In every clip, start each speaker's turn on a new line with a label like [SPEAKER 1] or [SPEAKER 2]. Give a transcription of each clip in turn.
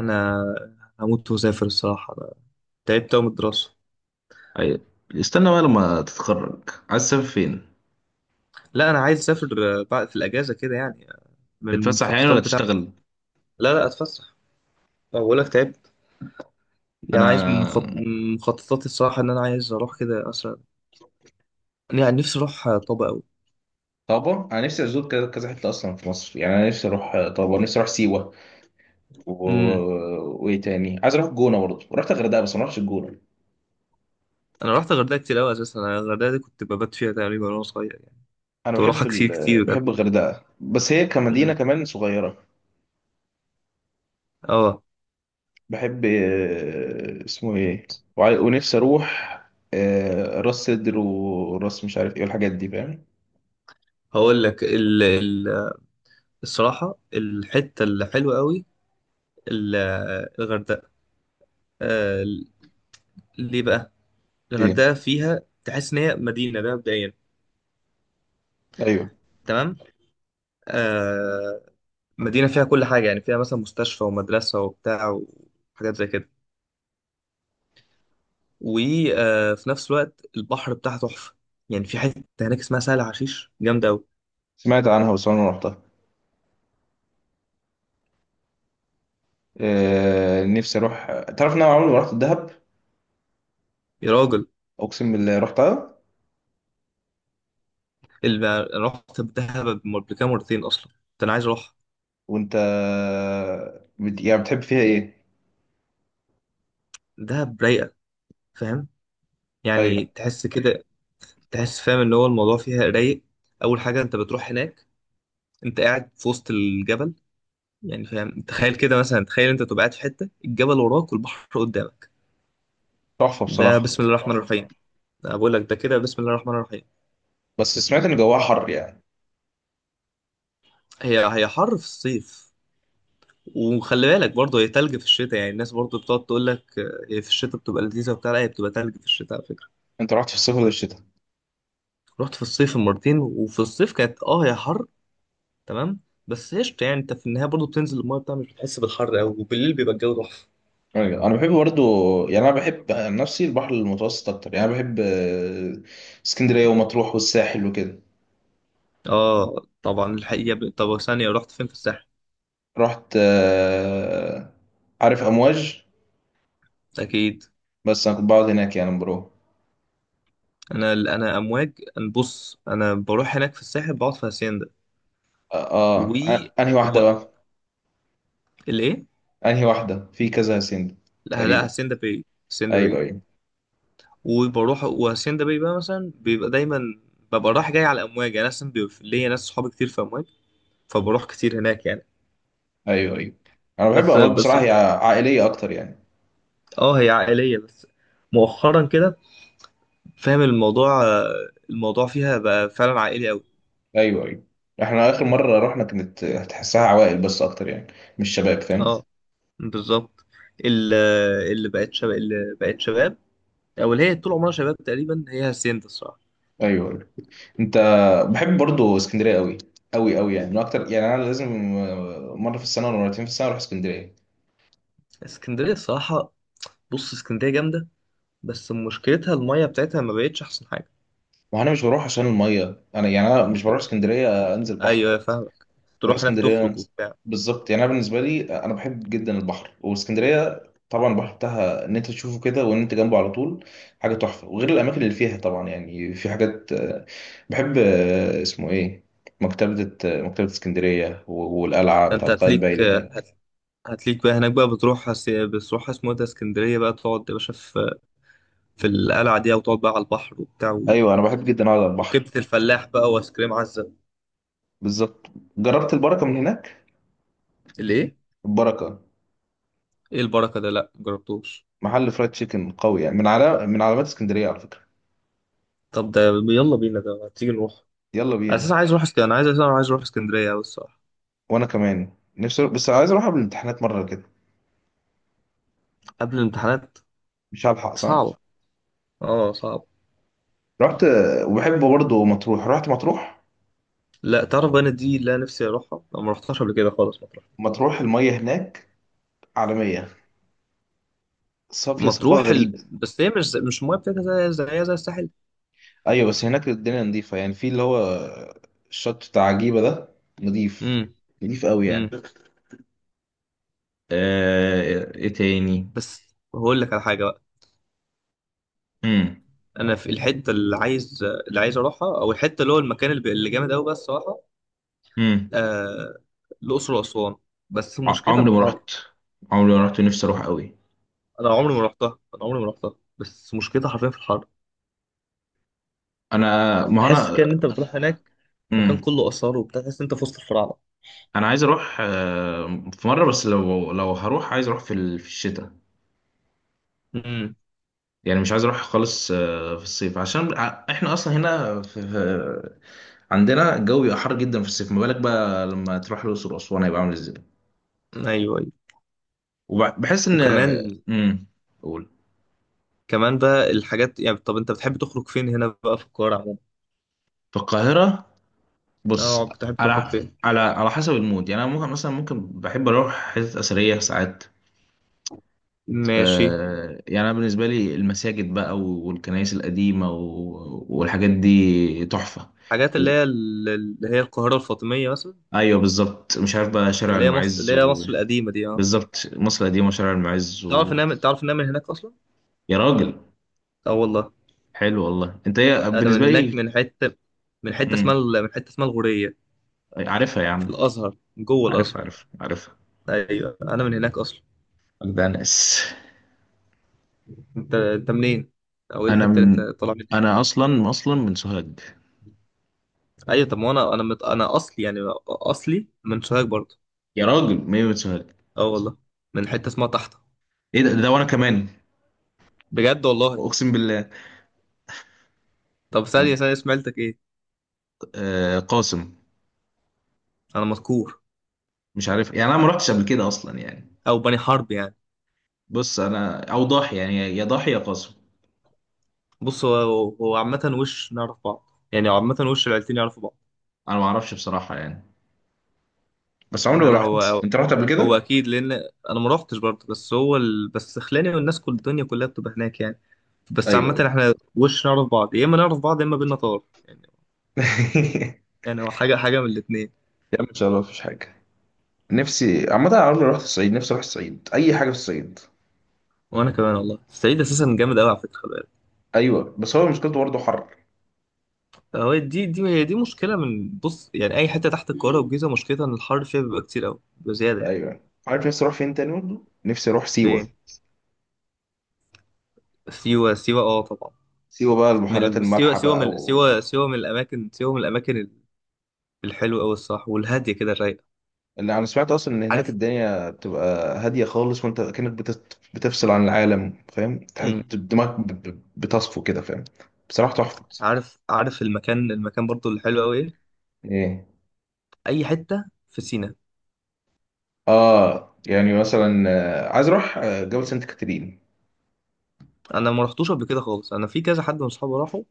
[SPEAKER 1] انا هموت واسافر الصراحه. أنا تعبت أوي من الدراسه.
[SPEAKER 2] أيوة. استنى بقى لما تتخرج، عايز تسافر فين؟
[SPEAKER 1] لا، انا عايز اسافر، بعد في الاجازه كده يعني، من
[SPEAKER 2] تتفسح يعني
[SPEAKER 1] المخططات
[SPEAKER 2] ولا
[SPEAKER 1] بتاعتي.
[SPEAKER 2] تشتغل؟
[SPEAKER 1] لا لا، اتفسح. أه، بقول لك تعبت. يعني عايز
[SPEAKER 2] انا.
[SPEAKER 1] من مخططاتي الصراحه، ان انا عايز اروح كده اصلا. يعني نفسي اروح طابا قوي.
[SPEAKER 2] طابة، انا نفسي ازور كذا كذا حته اصلا في مصر، يعني انا نفسي اروح طابة. نفسي اروح سيوه، و...
[SPEAKER 1] امم
[SPEAKER 2] وايه تاني عايز اروح الجونه برضه، ورحت الغردقه بس ما رحتش الجونه.
[SPEAKER 1] انا رحت الغردقه كتير قوي، اساسا انا الغردقه دي كنت ببات فيها تقريبا وانا صغير يعني.
[SPEAKER 2] انا
[SPEAKER 1] كنت
[SPEAKER 2] بحب
[SPEAKER 1] بروحها كتير كتير بجد.
[SPEAKER 2] بحب الغردقه، بس هي كمدينه
[SPEAKER 1] امم
[SPEAKER 2] كمان صغيره.
[SPEAKER 1] اه
[SPEAKER 2] بحب اسمه ايه. ونفسي اروح راس سدر وراس مش عارف ايه والحاجات دي فاهم.
[SPEAKER 1] هقول لك الصراحه، الحته الحلوه قوي. ال- الغردقه. آه، ليه بقى؟
[SPEAKER 2] ايه.
[SPEAKER 1] الغردقة فيها تحس إن هي مدينة، ده مبدئيا.
[SPEAKER 2] ايوه.
[SPEAKER 1] تمام. آه. مدينة فيها كل حاجة، يعني فيها مثلا مستشفى ومدرسة وبتاع، وحاجات زي كده. وفي نفس الوقت البحر بتاعها تحفة. يعني في حتة هناك اسمها سهل حشيش، جامدة أوي.
[SPEAKER 2] سمعت عنها بس انا ما رحتها. نفسي اروح. تعرف ان انا عمري ما رحت الدهب،
[SPEAKER 1] يا راجل،
[SPEAKER 2] اقسم بالله رحتها.
[SPEAKER 1] اللي أنا رحت دهب قبل كده مرتين، أصلا كنت أنا عايز أروح.
[SPEAKER 2] وانت يعني بتحب فيها ايه؟
[SPEAKER 1] دهب رايقة، فاهم؟ يعني
[SPEAKER 2] ايوه،
[SPEAKER 1] تحس كده، تحس فاهم اللي هو الموضوع فيها رايق. أول حاجة أنت بتروح هناك، أنت قاعد في وسط الجبل. يعني فاهم، تخيل كده مثلا، تخيل انت تبقى قاعد في حته، الجبل وراك والبحر قدامك.
[SPEAKER 2] تحفه
[SPEAKER 1] ده
[SPEAKER 2] بصراحه.
[SPEAKER 1] بسم الله الرحمن الرحيم. انا بقول لك ده كده بسم الله الرحمن الرحيم.
[SPEAKER 2] بس سمعت ان جواها حر يعني.
[SPEAKER 1] هي حر في الصيف. وخلي بالك برضه هي تلج في الشتاء. يعني الناس برضه بتقعد تقول لك هي في الشتاء بتبقى لذيذه وبتاع، لا هي بتبقى تلج في الشتاء على فكره.
[SPEAKER 2] انت رحت في الصيف ولا الشتاء؟
[SPEAKER 1] رحت في الصيف مرتين، وفي الصيف كانت هي حر. تمام. بس قشطه، يعني انت في النهايه برضه بتنزل المايه بتاع، مش بتحس بالحر قوي، وبالليل بيبقى الجو تحفه.
[SPEAKER 2] ايوه، انا بحب برضو، يعني انا بحب عن نفسي البحر المتوسط اكتر، يعني أنا بحب اسكندريه ومطروح والساحل وكده.
[SPEAKER 1] اه طبعا، الحقيقه طب ثانيه، رحت فين في الساحل؟
[SPEAKER 2] رحت عارف امواج؟
[SPEAKER 1] اكيد.
[SPEAKER 2] بس انا كنت بقعد هناك، يعني
[SPEAKER 1] انا امواج. أنا بص، انا بروح هناك في الساحل بقعد في هاسيندا، و,
[SPEAKER 2] انهي
[SPEAKER 1] و...
[SPEAKER 2] واحده بقى؟
[SPEAKER 1] الايه؟
[SPEAKER 2] انهي واحده في كذا سند
[SPEAKER 1] لا لا،
[SPEAKER 2] تقريبا.
[SPEAKER 1] هاسيندا باي. هاسيندا
[SPEAKER 2] ايوه،
[SPEAKER 1] باي.
[SPEAKER 2] ايوه.
[SPEAKER 1] وبروح، وهاسيندا باي بقى مثلا بيبقى دايما، ببقى رايح جاي على امواج. انا اصلا بيبقى ليا ناس صحابي كتير في امواج، فبروح كتير هناك يعني.
[SPEAKER 2] ايوه، ايوه. انا بحب
[SPEAKER 1] بس
[SPEAKER 2] امواج
[SPEAKER 1] بس
[SPEAKER 2] بصراحه، هي عائليه اكتر يعني.
[SPEAKER 1] اه هي عائليه، بس مؤخرا كده، فاهم الموضوع؟ الموضوع فيها بقى فعلا عائلي قوي.
[SPEAKER 2] ايوه، ايوه. احنا اخر مره رحنا كانت هتحسها عوائل بس اكتر يعني، مش شباب فاهم.
[SPEAKER 1] اه، بالظبط. ال- اللي بقت شباب، او اللي هي طول عمرها شباب تقريبا، هي هاسيندا الصراحه.
[SPEAKER 2] ايوه، ايوه. انت. بحب برضو اسكندريه قوي، قوي قوي، يعني من اكتر، يعني انا لازم مره في السنه ولا مرتين في السنه اروح اسكندريه.
[SPEAKER 1] اسكندريه الصراحه، بص اسكندريه جامده، بس مشكلتها الميه بتاعتها ما بقتش احسن حاجه.
[SPEAKER 2] وانا مش بروح عشان الميه، انا يعني انا مش بروح اسكندريه انزل بحر.
[SPEAKER 1] ايوه، فاهم،
[SPEAKER 2] بروح
[SPEAKER 1] تروح هناك تخرج
[SPEAKER 2] اسكندريه.
[SPEAKER 1] وبتاع.
[SPEAKER 2] بالظبط، يعني انا بالنسبه لي انا بحب جدا البحر واسكندريه. طبعا البحر بتاعها ان انت تشوفه كده، وان انت جنبه على طول حاجه تحفه، وغير الاماكن اللي فيها طبعا. يعني في حاجات بحب اسمه ايه. مكتبه مكتبه اسكندريه، والقلعه
[SPEAKER 1] انت
[SPEAKER 2] بتاعت قايتباي
[SPEAKER 1] هتليك،
[SPEAKER 2] اللي هناك.
[SPEAKER 1] هت- هتليك بقى هناك بقى، بتروح بتروح اسمه إيه ده اسكندريه بقى، تقعد يا باشا في القلعه دي، او تقعد بقى على البحر وبتاع،
[SPEAKER 2] ايوه، انا بحب جدا اقعد على البحر.
[SPEAKER 1] وكبده الفلاح بقى وايس كريم عزه.
[SPEAKER 2] بالظبط. جربت البركه من هناك؟
[SPEAKER 1] الايه؟
[SPEAKER 2] البركه
[SPEAKER 1] ايه البركه ده؟ لا جربتوش.
[SPEAKER 2] محل فرايد تشيكن قوي، يعني من علامات اسكندريه على فكره.
[SPEAKER 1] طب ده، يلا بينا ده، ما تيجي نروح.
[SPEAKER 2] يلا بينا.
[SPEAKER 1] اساسا عايز اروح اسكندريه، انا عايز، اساسا عايز اروح اسكندريه أوي الصراحه.
[SPEAKER 2] وانا كمان نفسي، بس عايز اروح قبل الامتحانات مره كده.
[SPEAKER 1] قبل الامتحانات؟
[SPEAKER 2] مش هلحق صح؟
[SPEAKER 1] صعب. اه، صعب.
[SPEAKER 2] رحت. وبحب برضه مطروح، رحت مطروح.
[SPEAKER 1] لا، تعرف بقى، أنا دي اللي انا نفسي اروحها، انا ما رحتهاش قبل كده خالص، مطروح.
[SPEAKER 2] مطروح المية هناك عالمية، صافية، صفاء
[SPEAKER 1] مطروح
[SPEAKER 2] غريب.
[SPEAKER 1] بس هي مش المايه بتاعتها زي الساحل.
[SPEAKER 2] أيوة، بس هناك الدنيا نظيفة يعني، في اللي هو الشط بتاع عجيبة ده نظيف.
[SPEAKER 1] امم.
[SPEAKER 2] نظيف قوي يعني.
[SPEAKER 1] امم.
[SPEAKER 2] إيه تاني.
[SPEAKER 1] بس هقول لك على حاجه بقى.
[SPEAKER 2] مم.
[SPEAKER 1] انا في الحته اللي عايز اروحها، او الحته اللي هو المكان اللي جامد قوي بقى الصراحه.
[SPEAKER 2] مم.
[SPEAKER 1] آه... الاقصر واسوان، بس
[SPEAKER 2] ع-
[SPEAKER 1] مشكلتها في
[SPEAKER 2] عمري ما
[SPEAKER 1] الحر.
[SPEAKER 2] رحت عمري ما رحت ونفسي أروح قوي.
[SPEAKER 1] انا عمري ما رحتها، بس مشكلتها حرفيا في الحر.
[SPEAKER 2] أنا، ما هو
[SPEAKER 1] تحس كده
[SPEAKER 2] أنا.
[SPEAKER 1] ان انت بتروح هناك، مكان
[SPEAKER 2] مم.
[SPEAKER 1] كله اثار وبتاع، تحس ان انت في وسط الفراعنه.
[SPEAKER 2] أنا عايز أروح في مرة، بس لو هروح، عايز أروح في في الشتاء.
[SPEAKER 1] امم.
[SPEAKER 2] يعني مش عايز اروح خالص في الصيف، عشان احنا اصلا هنا عندنا الجو بيبقى حر جدا في الصيف، ما بالك بقى لما تروح الاقصر واسوان، هيبقى عامل ازاي.
[SPEAKER 1] ايوه ايوه.
[SPEAKER 2] وبحس ان...
[SPEAKER 1] وكمان،
[SPEAKER 2] امم قول.
[SPEAKER 1] كمان بقى الحاجات، يعني طب انت بتحب تخرج فين هنا بقى في القاهرة عموما؟
[SPEAKER 2] في القاهره،
[SPEAKER 1] اه،
[SPEAKER 2] بص،
[SPEAKER 1] بتحب تخرج
[SPEAKER 2] على
[SPEAKER 1] فين؟
[SPEAKER 2] على حسب المود، يعني انا ممكن مثلا، ممكن بحب اروح حتت اثريه ساعات.
[SPEAKER 1] ماشي.
[SPEAKER 2] يعني انا بالنسبه لي المساجد بقى والكنائس القديمه والحاجات دي تحفه.
[SPEAKER 1] حاجات اللي هي اللي هي القاهرة الفاطمية مثلا،
[SPEAKER 2] ايوه بالظبط، مش عارف بقى، شارع
[SPEAKER 1] اللي
[SPEAKER 2] المعز.
[SPEAKER 1] هي مصر القديمة دي، اه.
[SPEAKER 2] بالظبط، مصر القديمة وشارع المعز
[SPEAKER 1] تعرف انها من هناك اصلا؟
[SPEAKER 2] يا راجل.
[SPEAKER 1] اه والله.
[SPEAKER 2] حلو والله، انت ايه
[SPEAKER 1] انا من
[SPEAKER 2] بالنسبة
[SPEAKER 1] هناك،
[SPEAKER 2] لي. مم.
[SPEAKER 1] من حتة اسمها الغورية،
[SPEAKER 2] عارفها يا
[SPEAKER 1] في
[SPEAKER 2] عم.
[SPEAKER 1] الازهر، جوه
[SPEAKER 2] عارفها،
[SPEAKER 1] الازهر.
[SPEAKER 2] عارفها، عارفها.
[SPEAKER 1] ايوه، انا من هناك اصلا.
[SPEAKER 2] ده ناس.
[SPEAKER 1] انت منين؟ او ايه
[SPEAKER 2] انا
[SPEAKER 1] الحتة اللي انت
[SPEAKER 2] من...
[SPEAKER 1] طالع منها؟
[SPEAKER 2] انا اصلا من سوهاج.
[SPEAKER 1] ايوه، طب ما انا، انا اصلي يعني، اصلي من سوهاج برضه.
[SPEAKER 2] يا راجل، ما هي من سوهاج.
[SPEAKER 1] اه والله، من حتة اسمها تحت.
[SPEAKER 2] ايه ده وانا كمان.
[SPEAKER 1] بجد والله.
[SPEAKER 2] اقسم بالله.
[SPEAKER 1] طب ثانية ثانية، سمعتك ايه؟
[SPEAKER 2] آه، قاسم.
[SPEAKER 1] انا مذكور،
[SPEAKER 2] مش عارف يعني، انا ما رحتش قبل كده اصلا يعني.
[SPEAKER 1] او بني حرب يعني.
[SPEAKER 2] بص انا، او ضاحي، يعني يا ضاحي يا قاسم.
[SPEAKER 1] بص، هو عامة وش نعرف بعض، يعني عامة وش العيلتين يعرفوا بعض.
[SPEAKER 2] انا ما اعرفش بصراحة يعني، بس عمري
[SPEAKER 1] لا لا،
[SPEAKER 2] ما رحت.
[SPEAKER 1] هو هو
[SPEAKER 2] انت رحت قبل
[SPEAKER 1] هو
[SPEAKER 2] كده؟
[SPEAKER 1] اكيد لان، انا ما روحتش برضه، بس هو بس خلاني، والناس كل الدنيا كلها بتبقى هناك يعني، بس
[SPEAKER 2] ايوه،
[SPEAKER 1] عامة
[SPEAKER 2] ايوه.
[SPEAKER 1] احنا وش نعرف بعض، يا اما نعرف بعض يا اما بينا طار يعني. يعني هو حاجة حاجة من الاتنين.
[SPEAKER 2] يا عم ان شاء الله مفيش حاجة. نفسي عامة، أنا عمري ما رحت الصعيد، نفسي أروح الصعيد، أي حاجة في الصعيد.
[SPEAKER 1] وانا كمان والله، الصعيد اساسا جامد قوي على فكرة، خلي بالك.
[SPEAKER 2] أيوه، بس هو مشكلته برضه حر.
[SPEAKER 1] هو دي دي هي دي مشكلة، من بص يعني اي حتة تحت القاهرة والجيزة، مشكلتها ان الحر فيها بيبقى كتير قوي بزيادة يعني.
[SPEAKER 2] أيوه عارف، نفسي أروح فين تاني برضه؟ نفسي أروح
[SPEAKER 1] فين؟
[SPEAKER 2] سيوة.
[SPEAKER 1] سيوة؟ سيوة، اه طبعا.
[SPEAKER 2] سيوة بقى، البحيرات المالحة بقى ومش عارف إيه.
[SPEAKER 1] سيوة من الأماكن الحلوة أوي الصراحة، والهادية كده الرايقة.
[SPEAKER 2] اللي أنا سمعت أصلا إن هناك
[SPEAKER 1] عارف.
[SPEAKER 2] الدنيا بتبقى هادية خالص، وأنت كأنك بتفصل عن العالم، فاهم،
[SPEAKER 1] مم.
[SPEAKER 2] دماغك بتصفو كده، فاهم. بصراحة تحفة.
[SPEAKER 1] عارف المكان برضو اللي حلو أوي إيه؟
[SPEAKER 2] إيه.
[SPEAKER 1] أي حتة في سينا.
[SPEAKER 2] يعني مثلا عايز أروح جبل سانت كاترين.
[SPEAKER 1] أنا ما رحتوش قبل كده خالص، أنا في كذا حد من صحابي راحوا.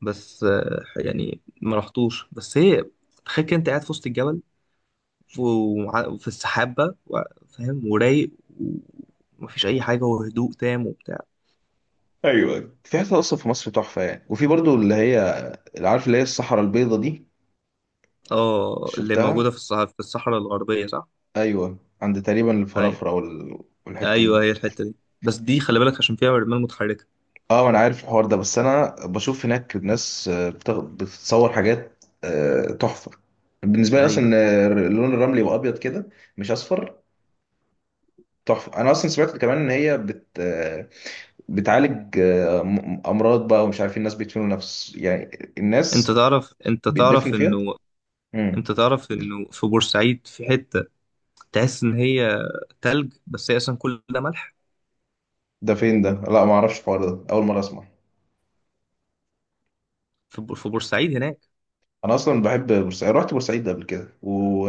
[SPEAKER 1] بس يعني ما رحتوش، بس هي، تخيل كده أنت قاعد في وسط الجبل، وفي السحاب بقى، فاهم، ورايق، ومفيش أي حاجة، وهدوء تام وبتاع.
[SPEAKER 2] ايوه، في حتت اصلا في مصر تحفه يعني، وفي برضو اللي هي، اللي عارف اللي هي الصحراء البيضاء دي.
[SPEAKER 1] اه، اللي
[SPEAKER 2] شفتها.
[SPEAKER 1] موجودة في الصحراء الغربية، صح؟
[SPEAKER 2] ايوه، عند تقريبا
[SPEAKER 1] أيوة،
[SPEAKER 2] الفرافره والحته دي.
[SPEAKER 1] ايوه هي الحته دي. بس دي خلي بالك عشان فيها رمال متحركه.
[SPEAKER 2] اه، انا عارف الحوار ده، بس انا بشوف هناك ناس بتصور حاجات تحفه. بالنسبه لي اصلا
[SPEAKER 1] ايوه.
[SPEAKER 2] إن اللون الرملي يبقى ابيض كده، مش اصفر. تحفه. انا اصلا سمعت كمان ان هي بت آه، بتعالج امراض بقى. ومش عارفين، الناس بيدفنوا نفس، يعني
[SPEAKER 1] انت
[SPEAKER 2] الناس
[SPEAKER 1] تعرف انت تعرف
[SPEAKER 2] بيدفنوا فيها.
[SPEAKER 1] انه
[SPEAKER 2] امم.
[SPEAKER 1] انت تعرف انه في بورسعيد في حته، تحس ان هي تلج، بس هي اصلا كل ده ملح.
[SPEAKER 2] ده فين ده؟ لا، ما اعرفش الحوار ده، اول مره اسمع.
[SPEAKER 1] في بورسعيد هناك.
[SPEAKER 2] انا اصلا بحب بورسعيد، رحت بورسعيد قبل كده و...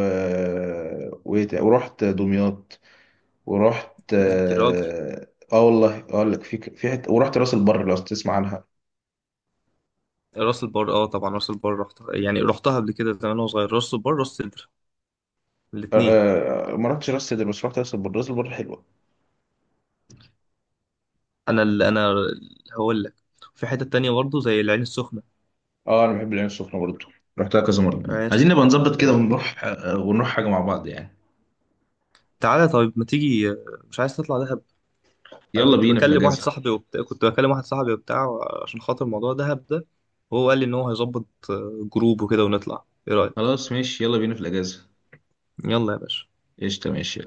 [SPEAKER 2] و... ورحت دمياط. ورحت
[SPEAKER 1] يا راجل،
[SPEAKER 2] والله اقول لك، في حته، ورحت راس البر لو تسمع عنها.
[SPEAKER 1] راس البر، اه طبعا راس البر رحت يعني، رحتها قبل كده زمان وانا صغير. راس البر، راس سدر، الاثنين.
[SPEAKER 2] ما رحتش راس سدر، بس رحت راس البر. راس البر حلوه.
[SPEAKER 1] انا هقول لك، في حته تانية برضه زي العين السخنه.
[SPEAKER 2] اه، انا بحب العين السخنه برضه، رحتها كذا مره. عايزين
[SPEAKER 1] عايز-
[SPEAKER 2] نبقى نظبط كده ونروح، ونروح حاجه مع بعض يعني.
[SPEAKER 1] تعالى طيب، ما تيجي، مش عايز تطلع ده؟ انا
[SPEAKER 2] يلا
[SPEAKER 1] كنت
[SPEAKER 2] بينا في
[SPEAKER 1] بكلم واحد
[SPEAKER 2] الاجازه.
[SPEAKER 1] صاحبي وبتاع كنت بكلم واحد صاحبي وبتاع، عشان خاطر موضوع دهب ده، وهو قال لي ان هو هيظبط جروب وكده، ونطلع، ايه رايك؟
[SPEAKER 2] خلاص ماشي، يلا بينا في الاجازه.
[SPEAKER 1] يلا يا باشا.
[SPEAKER 2] قشطه، ماشي.